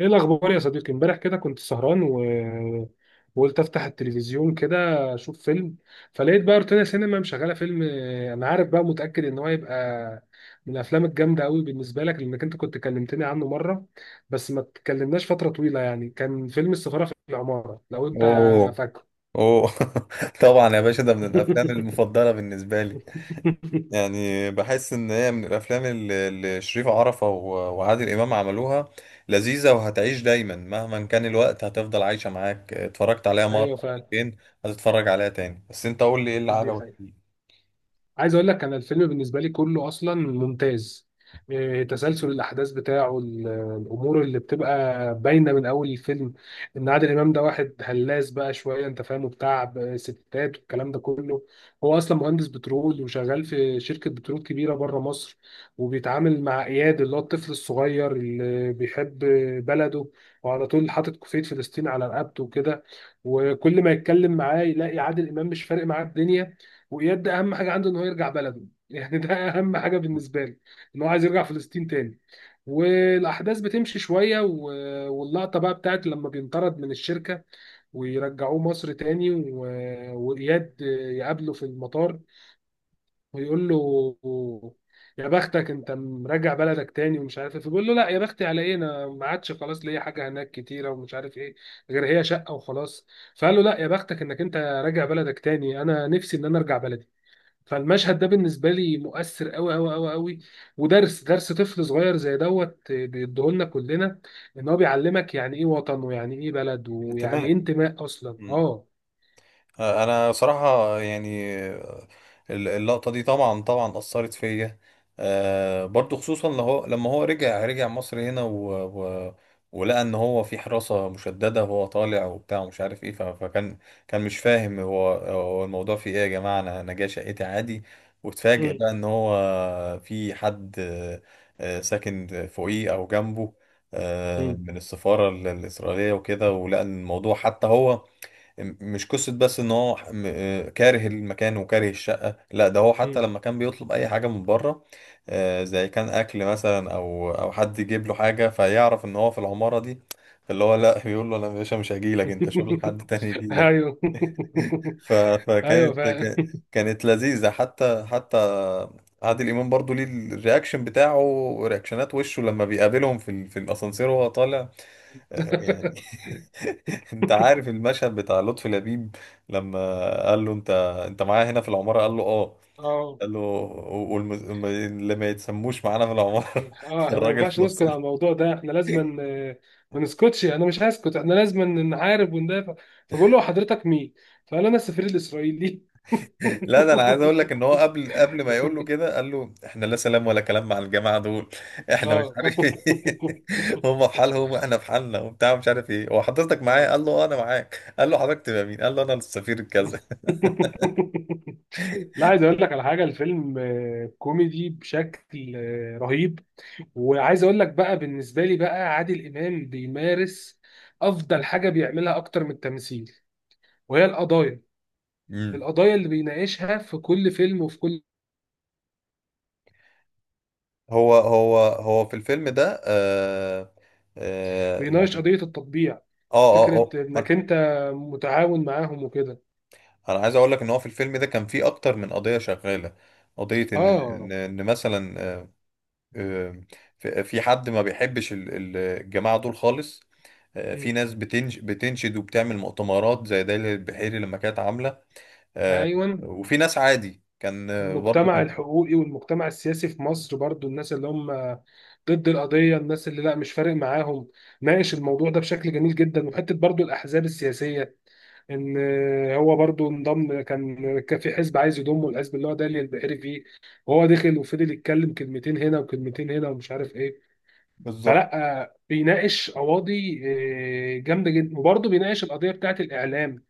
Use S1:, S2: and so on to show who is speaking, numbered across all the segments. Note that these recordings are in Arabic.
S1: ايه الاخبار يا صديقي، امبارح كده كنت سهران وقلت افتح التلفزيون كده، اشوف فيلم. فلقيت بقى روتانا سينما مشغله فيلم، انا عارف بقى متاكد ان هو يبقى من الافلام الجامده قوي بالنسبه لك لانك انت كنت كلمتني عنه مره، بس ما اتكلمناش فتره طويله. يعني كان فيلم السفاره في العماره، لو انت
S2: اوه
S1: فاكره.
S2: اوه. طبعا يا باشا، ده من الافلام المفضله بالنسبه لي. يعني بحس ان هي من الافلام اللي شريف عرفة وعادل امام عملوها. لذيذه وهتعيش دايما مهما كان الوقت هتفضل عايشه معاك. اتفرجت عليها مره
S1: ايوه فعلا.
S2: مرتين، هتتفرج عليها تاني. بس انت قول لي ايه اللي
S1: دي
S2: عجبك
S1: حقيقة.
S2: فيه.
S1: عايز اقول لك انا الفيلم بالنسبه لي كله اصلا ممتاز. تسلسل الاحداث بتاعه، الامور اللي بتبقى باينه من اول الفيلم، ان عادل امام ده واحد هلاس بقى شويه، انت فاهمه، بتاع ستات والكلام ده كله. هو اصلا مهندس بترول وشغال في شركه بترول كبيره بره مصر، وبيتعامل مع اياد اللي هو الطفل الصغير اللي بيحب بلده، وعلى طول حاطط كوفيه فلسطين على رقبته وكده. وكل ما يتكلم معاه يلاقي عادل امام مش فارق معاه الدنيا. وإياد ده أهم حاجة عنده إن هو يرجع بلده. يعني ده أهم حاجة بالنسبة لي، إن هو عايز يرجع فلسطين تاني. والأحداث بتمشي شوية، واللقطة بقى بتاعت لما بينطرد من الشركة ويرجعوه مصر تاني، وإياد يقابله في المطار ويقول له: يا بختك أنت مراجع بلدك تاني ومش عارف إيه. فبيقول له: لا، يا بختي على إيه، أنا ما عادش خلاص ليا حاجة هناك كتيرة ومش عارف إيه، غير هي شقة وخلاص. فقال له: لا، يا بختك إنك أنت راجع بلدك تاني، أنا نفسي إن أنا أرجع بلدي. فالمشهد ده بالنسبه لي مؤثر قوي قوي قوي قوي، ودرس درس طفل صغير زي دوت بيديهولنا كلنا. ان هو بيعلمك يعني ايه وطن، ويعني ايه بلد، ويعني ايه
S2: انتماء.
S1: انتماء اصلا. اه.
S2: انا صراحة يعني اللقطة دي طبعا طبعا اثرت فيا. برضو خصوصا لما هو رجع مصر هنا و... ولقى ان هو في حراسة مشددة وهو طالع وبتاع ومش عارف ايه. فكان كان مش فاهم هو الموضوع في ايه يا جماعة. انا جاي شقتي عادي، واتفاجئ
S1: مم.
S2: بقى ان هو في حد، ساكن فوقيه او جنبه،
S1: مم.
S2: من السفارة الإسرائيلية وكده. ولقى إن الموضوع حتى هو مش قصة بس ان هو كاره المكان وكاره الشقة. لا ده هو حتى
S1: مم.
S2: لما كان بيطلب اي حاجة من بره، زي كان اكل مثلا او حد يجيب له حاجة فيعرف ان هو في العمارة دي، اللي هو لا بيقول له انا يا باشا مش هجيلك، انت شوف لك حد تاني يجيلك.
S1: ايوه.
S2: ف-
S1: ايوه
S2: فكانت
S1: فعلا.
S2: كا- كانت لذيذة. حتى حتى عادل امام برضو ليه الرياكشن بتاعه، رياكشنات وشه لما بيقابلهم في الاسانسير وهو طالع، يعني. انت عارف المشهد بتاع لطفي لبيب لما قال له انت، معايا هنا في العمارة؟ قال له اه.
S1: اه.
S2: قال له واللي ما يتسموش معانا في العمارة.
S1: اه، احنا ما
S2: الراجل
S1: ينفعش نسكت على
S2: فصل.
S1: الموضوع ده، احنا لازم ما نسكتش، انا مش هسكت، احنا لازم نحارب وندافع. فبقول له: حضرتك مين؟ فقال: انا السفير الاسرائيلي.
S2: لا ده انا عايز اقول لك ان هو قبل ما يقول له كده قال له احنا لا سلام ولا كلام مع الجماعة دول. احنا مش
S1: اه.
S2: عارف ايه. هم في حالهم واحنا في حالنا وبتاع مش عارف ايه. هو حضرتك معايا؟
S1: آه.
S2: قال له اه انا معاك. قال له حضرتك تبقى مين؟ قال له انا السفير الكذا.
S1: لا، عايز اقول لك على حاجه، الفيلم كوميدي بشكل رهيب. وعايز اقول لك بقى بالنسبه لي، بقى عادل امام بيمارس افضل حاجه بيعملها اكتر من التمثيل، وهي القضايا. القضايا اللي بيناقشها في كل فيلم وفي كل،
S2: هو في الفيلم ده آه، آه
S1: بيناقش
S2: يعني.
S1: قضيه التطبيع،
S2: اه اه
S1: فكره انك
S2: اه.
S1: انت متعاون معاهم وكده.
S2: انا عايز اقول لك ان هو في الفيلم ده كان فيه اكتر من قضية شغالة. قضية ان ان
S1: اه.
S2: إن مثلا، آه، في في حد ما بيحبش الجماعة دول خالص. في
S1: مم.
S2: ناس بتنشد وبتعمل مؤتمرات زي دليل البحيري لما كانت عاملة، آه،
S1: ايوه.
S2: وفي ناس عادي كان، برضه
S1: المجتمع
S2: كان.
S1: الحقوقي والمجتمع السياسي في مصر برضو، الناس اللي هم ضد القضية، الناس اللي لا مش فارق معاهم، ناقش الموضوع ده بشكل جميل جدا. وحتة برضو الأحزاب السياسية، ان هو برضو انضم، كان في حزب عايز يضمه، الحزب اللي هو دالي البحيري فيه، وهو دخل وفضل يتكلم كلمتين هنا وكلمتين هنا ومش عارف ايه.
S2: بالظبط.
S1: فلا بيناقش قواضي جامده جدا، وبرضه بيناقش القضيه بتاعت الاعلام،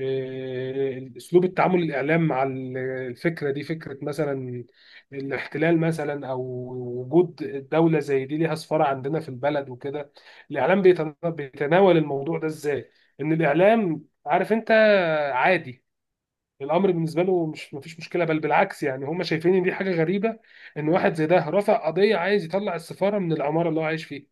S1: اسلوب التعامل الاعلام مع الفكره دي، فكره مثلا الاحتلال مثلا، او وجود دوله زي دي ليها سفاره عندنا في البلد وكده. الاعلام بيتناول الموضوع ده ازاي، ان الاعلام عارف انت عادي، الامر بالنسبه له مش مفيش مشكله، بل بالعكس، يعني هم شايفين ان دي حاجه غريبه ان واحد زي ده رفع قضيه عايز يطلع السفاره من العماره اللي هو عايش فيها.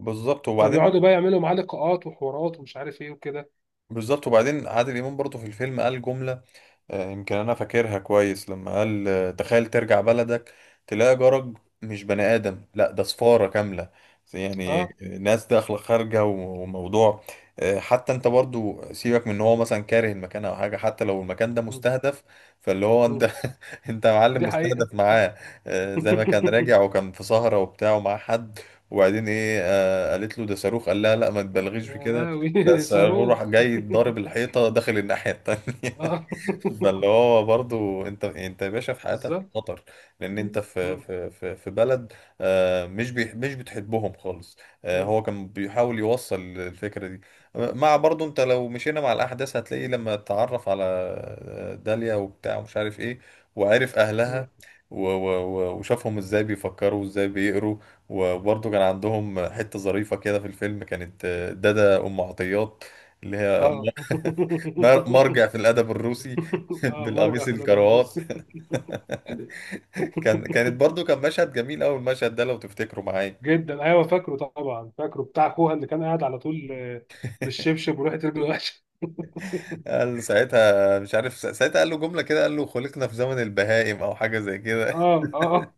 S2: بالظبط
S1: فبيقعدوا
S2: وبعدين.
S1: بقى يعملوا معاه لقاءات وحوارات ومش عارف ايه وكده.
S2: بالظبط وبعدين عادل امام برضه في الفيلم قال جملة، يمكن انا فاكرها كويس لما قال، تخيل ترجع بلدك تلاقي جرج مش بني ادم، لا ده صفارة كاملة. يعني،
S1: اه.
S2: ناس داخلة خارجة وموضوع، حتى انت برضو سيبك من ان هو مثلا كاره المكان او حاجة، حتى لو المكان ده
S1: م-
S2: مستهدف، فاللي هو
S1: م.
S2: انت، انت يا معلم
S1: دي حقيقه.
S2: مستهدف معاه. زي ما كان راجع وكان في سهرة وبتاع ومعاه حد، وبعدين ايه، قالت له ده صاروخ، قال لها لا ما تبالغيش في
S1: يا
S2: كده. لا
S1: لهوي،
S2: الصاروخ راح
S1: صاروخ.
S2: جاي ضارب الحيطة داخل الناحية التانية.
S1: اه.
S2: فاللي هو برضو انت يا باشا في حياتك
S1: بالظبط.
S2: خطر لان انت في
S1: مم.
S2: بلد، مش بتحبهم خالص.
S1: مم.
S2: هو كان بيحاول يوصل الفكره دي. مع برضو انت لو مشينا مع الاحداث هتلاقي لما اتعرف على، داليا وبتاع ومش عارف ايه، وعرف
S1: مم.
S2: اهلها وشافهم ازاي بيفكروا وازاي بيقروا. وبرضو كان عندهم حته ظريفه كده في الفيلم كانت، دادا ام عطيات اللي هي
S1: اه.
S2: مرجع في الادب الروسي،
S1: اه،
S2: بالقميص
S1: مرجع فلاديمير الروسي.
S2: الكروات. كان كانت برضو كان مشهد جميل قوي المشهد ده لو تفتكروا معايا.
S1: جدا، ايوه فاكره طبعا، فاكره بتاع اخوها اللي كان قاعد على طول بالشبشب وراحت رجله وحشه.
S2: قال ساعتها مش عارف ساعتها قال له جمله كده، قال له خلقنا في زمن البهائم او حاجه زي كده.
S1: اه. اه.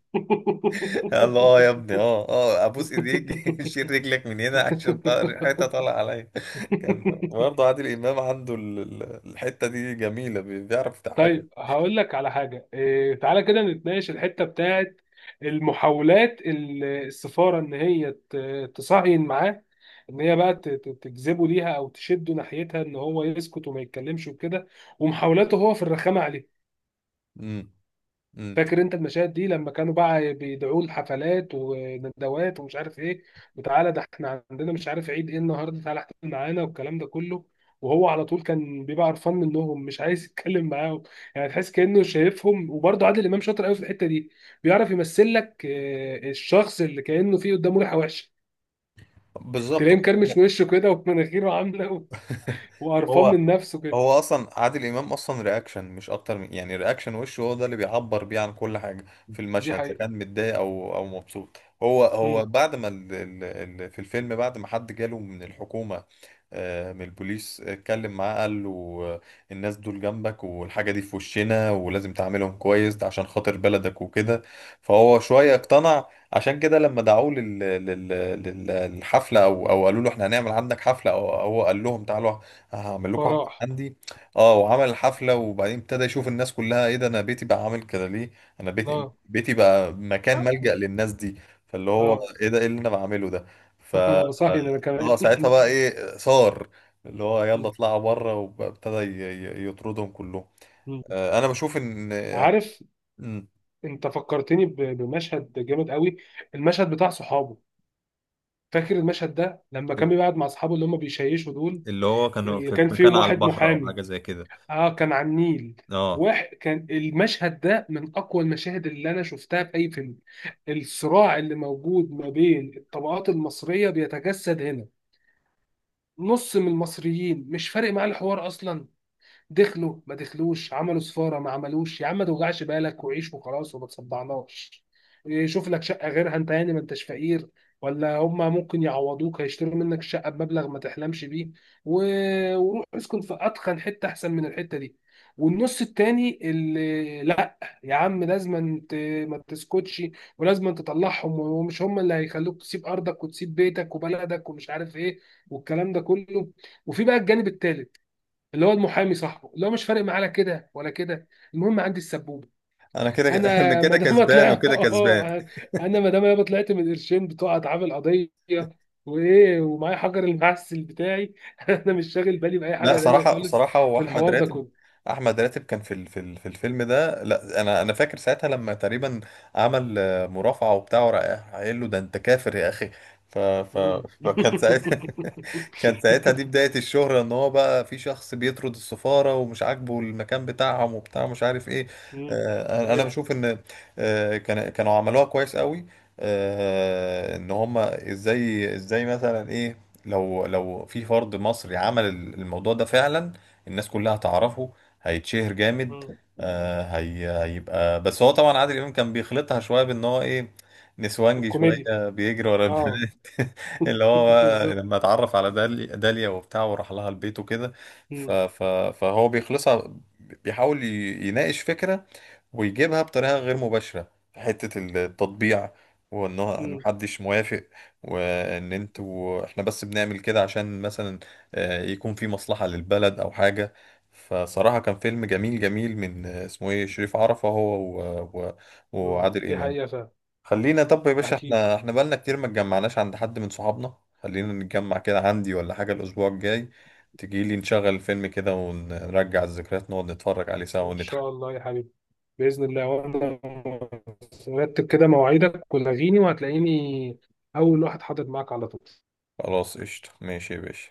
S2: قال له اه يا ابني، اه اه ابوس ايديك، شيل رجلك من هنا عشان ريحتها طالعه عليا. كان برضه عادل امام عنده الحته دي جميله، بيعرف يضحكك.
S1: طيب، هقول لك على حاجة إيه، تعالى كده نتناقش الحتة بتاعت المحاولات السفارة إن هي تصهين معاه، إن هي بقى تجذبه ليها أو تشده ناحيتها إن هو يسكت وما يتكلمش وكده، ومحاولاته هو في الرخامة عليه.
S2: امم. امم.
S1: فاكر انت المشاهد دي لما كانوا بقى بيدعوه لحفلات وندوات ومش عارف ايه، وتعالى ده احنا عندنا مش عارف عيد ايه النهارده، تعالى احتفل معانا والكلام ده كله. وهو على طول كان بيبقى قرفان منهم، مش عايز يتكلم معاهم. يعني تحس كأنه شايفهم. وبرضه عادل امام شاطر قوي في الحتة دي، بيعرف يمثل لك الشخص اللي كأنه فيه قدامه ريحة وحشة،
S2: بالظبط.
S1: تلاقيه مكرمش وشه كده ومناخيره عاملة، وقرفان
S2: هو
S1: من نفسه كده.
S2: هو اصلا عادل امام اصلا رياكشن مش اكتر من يعني رياكشن وشه، هو ده اللي بيعبر بيه عن كل حاجه في
S1: دي
S2: المشهد اذا
S1: حقيقة.
S2: كان متضايق او مبسوط. هو
S1: مم.
S2: بعد ما ال ال ال في الفيلم بعد ما حد جاله من الحكومه، من البوليس اتكلم معاه قال له، آه، الناس دول جنبك والحاجه دي في وشنا، ولازم تعاملهم كويس ده عشان خاطر بلدك وكده. فهو شويه
S1: مم.
S2: اقتنع. عشان كده لما دعوه لل- للحفله، او قالوا له احنا هنعمل عندك حفله، او هو قال لهم تعالوا هعمل لكم حفلة
S1: فراح.
S2: عندي. اه وعمل الحفلة. وبعدين ابتدى يشوف الناس كلها، ايه ده، انا بيتي بقى عامل كده ليه؟ انا بيتي
S1: اه.
S2: بيتي بقى مكان ملجأ
S1: آه.
S2: للناس دي. فاللي هو
S1: اه.
S2: ايه ده، ايه اللي انا بعمله ده؟ ف اه
S1: انا بصحي ان انا
S2: آه،
S1: كمان.
S2: ساعتها بقى ايه صار، اللي هو يلا اطلعوا بره، وابتدى يطردهم كلهم. انا بشوف ان.
S1: عارف،
S2: مم.
S1: انت فكرتني بمشهد جامد قوي، المشهد بتاع صحابه. فاكر المشهد ده لما كان بيقعد مع اصحابه اللي هم بيشيشوا دول،
S2: اللي هو كانوا
S1: اللي
S2: في
S1: كان
S2: مكان
S1: فيهم
S2: على
S1: واحد
S2: البحر او
S1: محامي.
S2: حاجه زي كده.
S1: اه، كان على النيل،
S2: اه
S1: واحد كان، المشهد ده من اقوى المشاهد اللي انا شفتها في اي فيلم. الصراع اللي موجود ما بين الطبقات المصرية بيتجسد هنا. نص من المصريين مش فارق معاه الحوار اصلا، دخلوا ما دخلوش، عملوا سفاره ما عملوش، يا عم ما توجعش بالك وعيش وخلاص وما تصدعناش. شوف لك شقه غيرها، انت يعني ما انتش فقير، ولا هما ممكن يعوضوك، هيشتروا منك شقه بمبلغ ما تحلمش بيه، وروح اسكن في اتخن حته احسن من الحته دي. والنص التاني اللي لا، يا عم لازم انت ما تسكتش، ولازم تطلعهم، ومش هم اللي هيخلوك تسيب ارضك وتسيب بيتك وبلدك ومش عارف ايه والكلام ده كله. وفي بقى الجانب التالت، اللي هو المحامي صاحبه اللي هو مش فارق معاه لا كده ولا كده، المهم عندي السبوبه.
S2: انا كده، انا
S1: انا ما
S2: كده
S1: دام
S2: كسبان
S1: اطلع،
S2: وكده كسبان.
S1: اه، انا ما دام يابا طلعت من القرشين بتوع اتعاب القضيه وايه ومعايا حجر المعسل بتاعي، انا مش شاغل بالي باي
S2: لا
S1: حاجه تانيه
S2: صراحة
S1: خالص.
S2: صراحة هو
S1: في
S2: أحمد
S1: الحوار ده
S2: راتب.
S1: كله.
S2: أحمد راتب كان في الفيلم ده، لا أنا فاكر ساعتها لما تقريبا عمل، مرافعة وبتاع وراح قايل له ده أنت كافر يا أخي. ف ف
S1: مم.
S2: فكان ساعتها، كان ساعتها دي بداية الشهرة إن هو بقى في شخص بيطرد السفارة ومش عاجبه المكان بتاعهم وبتاع مش عارف إيه.
S1: مم.
S2: أنا
S1: ايوه.
S2: بشوف إن، كانوا عملوها كويس قوي، إن هما إزاي مثلا إيه، لو في فرد مصري عمل الموضوع ده فعلا الناس كلها هتعرفه، هيتشهر جامد.
S1: مم.
S2: آه، هي هيبقى، بس هو طبعا عادل امام كان بيخلطها شويه بان هو ايه، نسوانجي شويه،
S1: الكوميديا.
S2: بيجري ورا
S1: اه.
S2: البنات. اللي هو بقى لما
S1: بالظبط.
S2: اتعرف على داليا وبتاع وراح لها البيت وكده. ف-
S1: مم.
S2: ف- فهو بيخلصها، بيحاول يناقش فكره، ويجيبها بطريقة غير مباشرة في حتة التطبيع، وان هو إن
S1: مم.
S2: محدش موافق، وان انتوا احنا بس بنعمل كده عشان مثلا، يكون في مصلحة للبلد او حاجة. فصراحة كان فيلم جميل جميل من، اسمه ايه شريف عرفة هو و...
S1: مم.
S2: وعادل
S1: دي
S2: امام.
S1: حقيقه فعلا.
S2: خلينا طب يا باشا
S1: اكيد.
S2: احنا، بقالنا كتير ما اتجمعناش عند حد من صحابنا. خلينا نتجمع كده عندي ولا حاجة الاسبوع الجاي، تجيلي نشغل الفيلم كده ونرجع الذكريات، نقعد نتفرج عليه سوا
S1: إن
S2: ونضحك.
S1: شاء الله يا حبيبي، بإذن الله، وأنا رتب كده مواعيدك ولغيني وهتلاقيني أول واحد حاضر معاك على طول.
S2: خلاص قشطة ماشي يا باشا.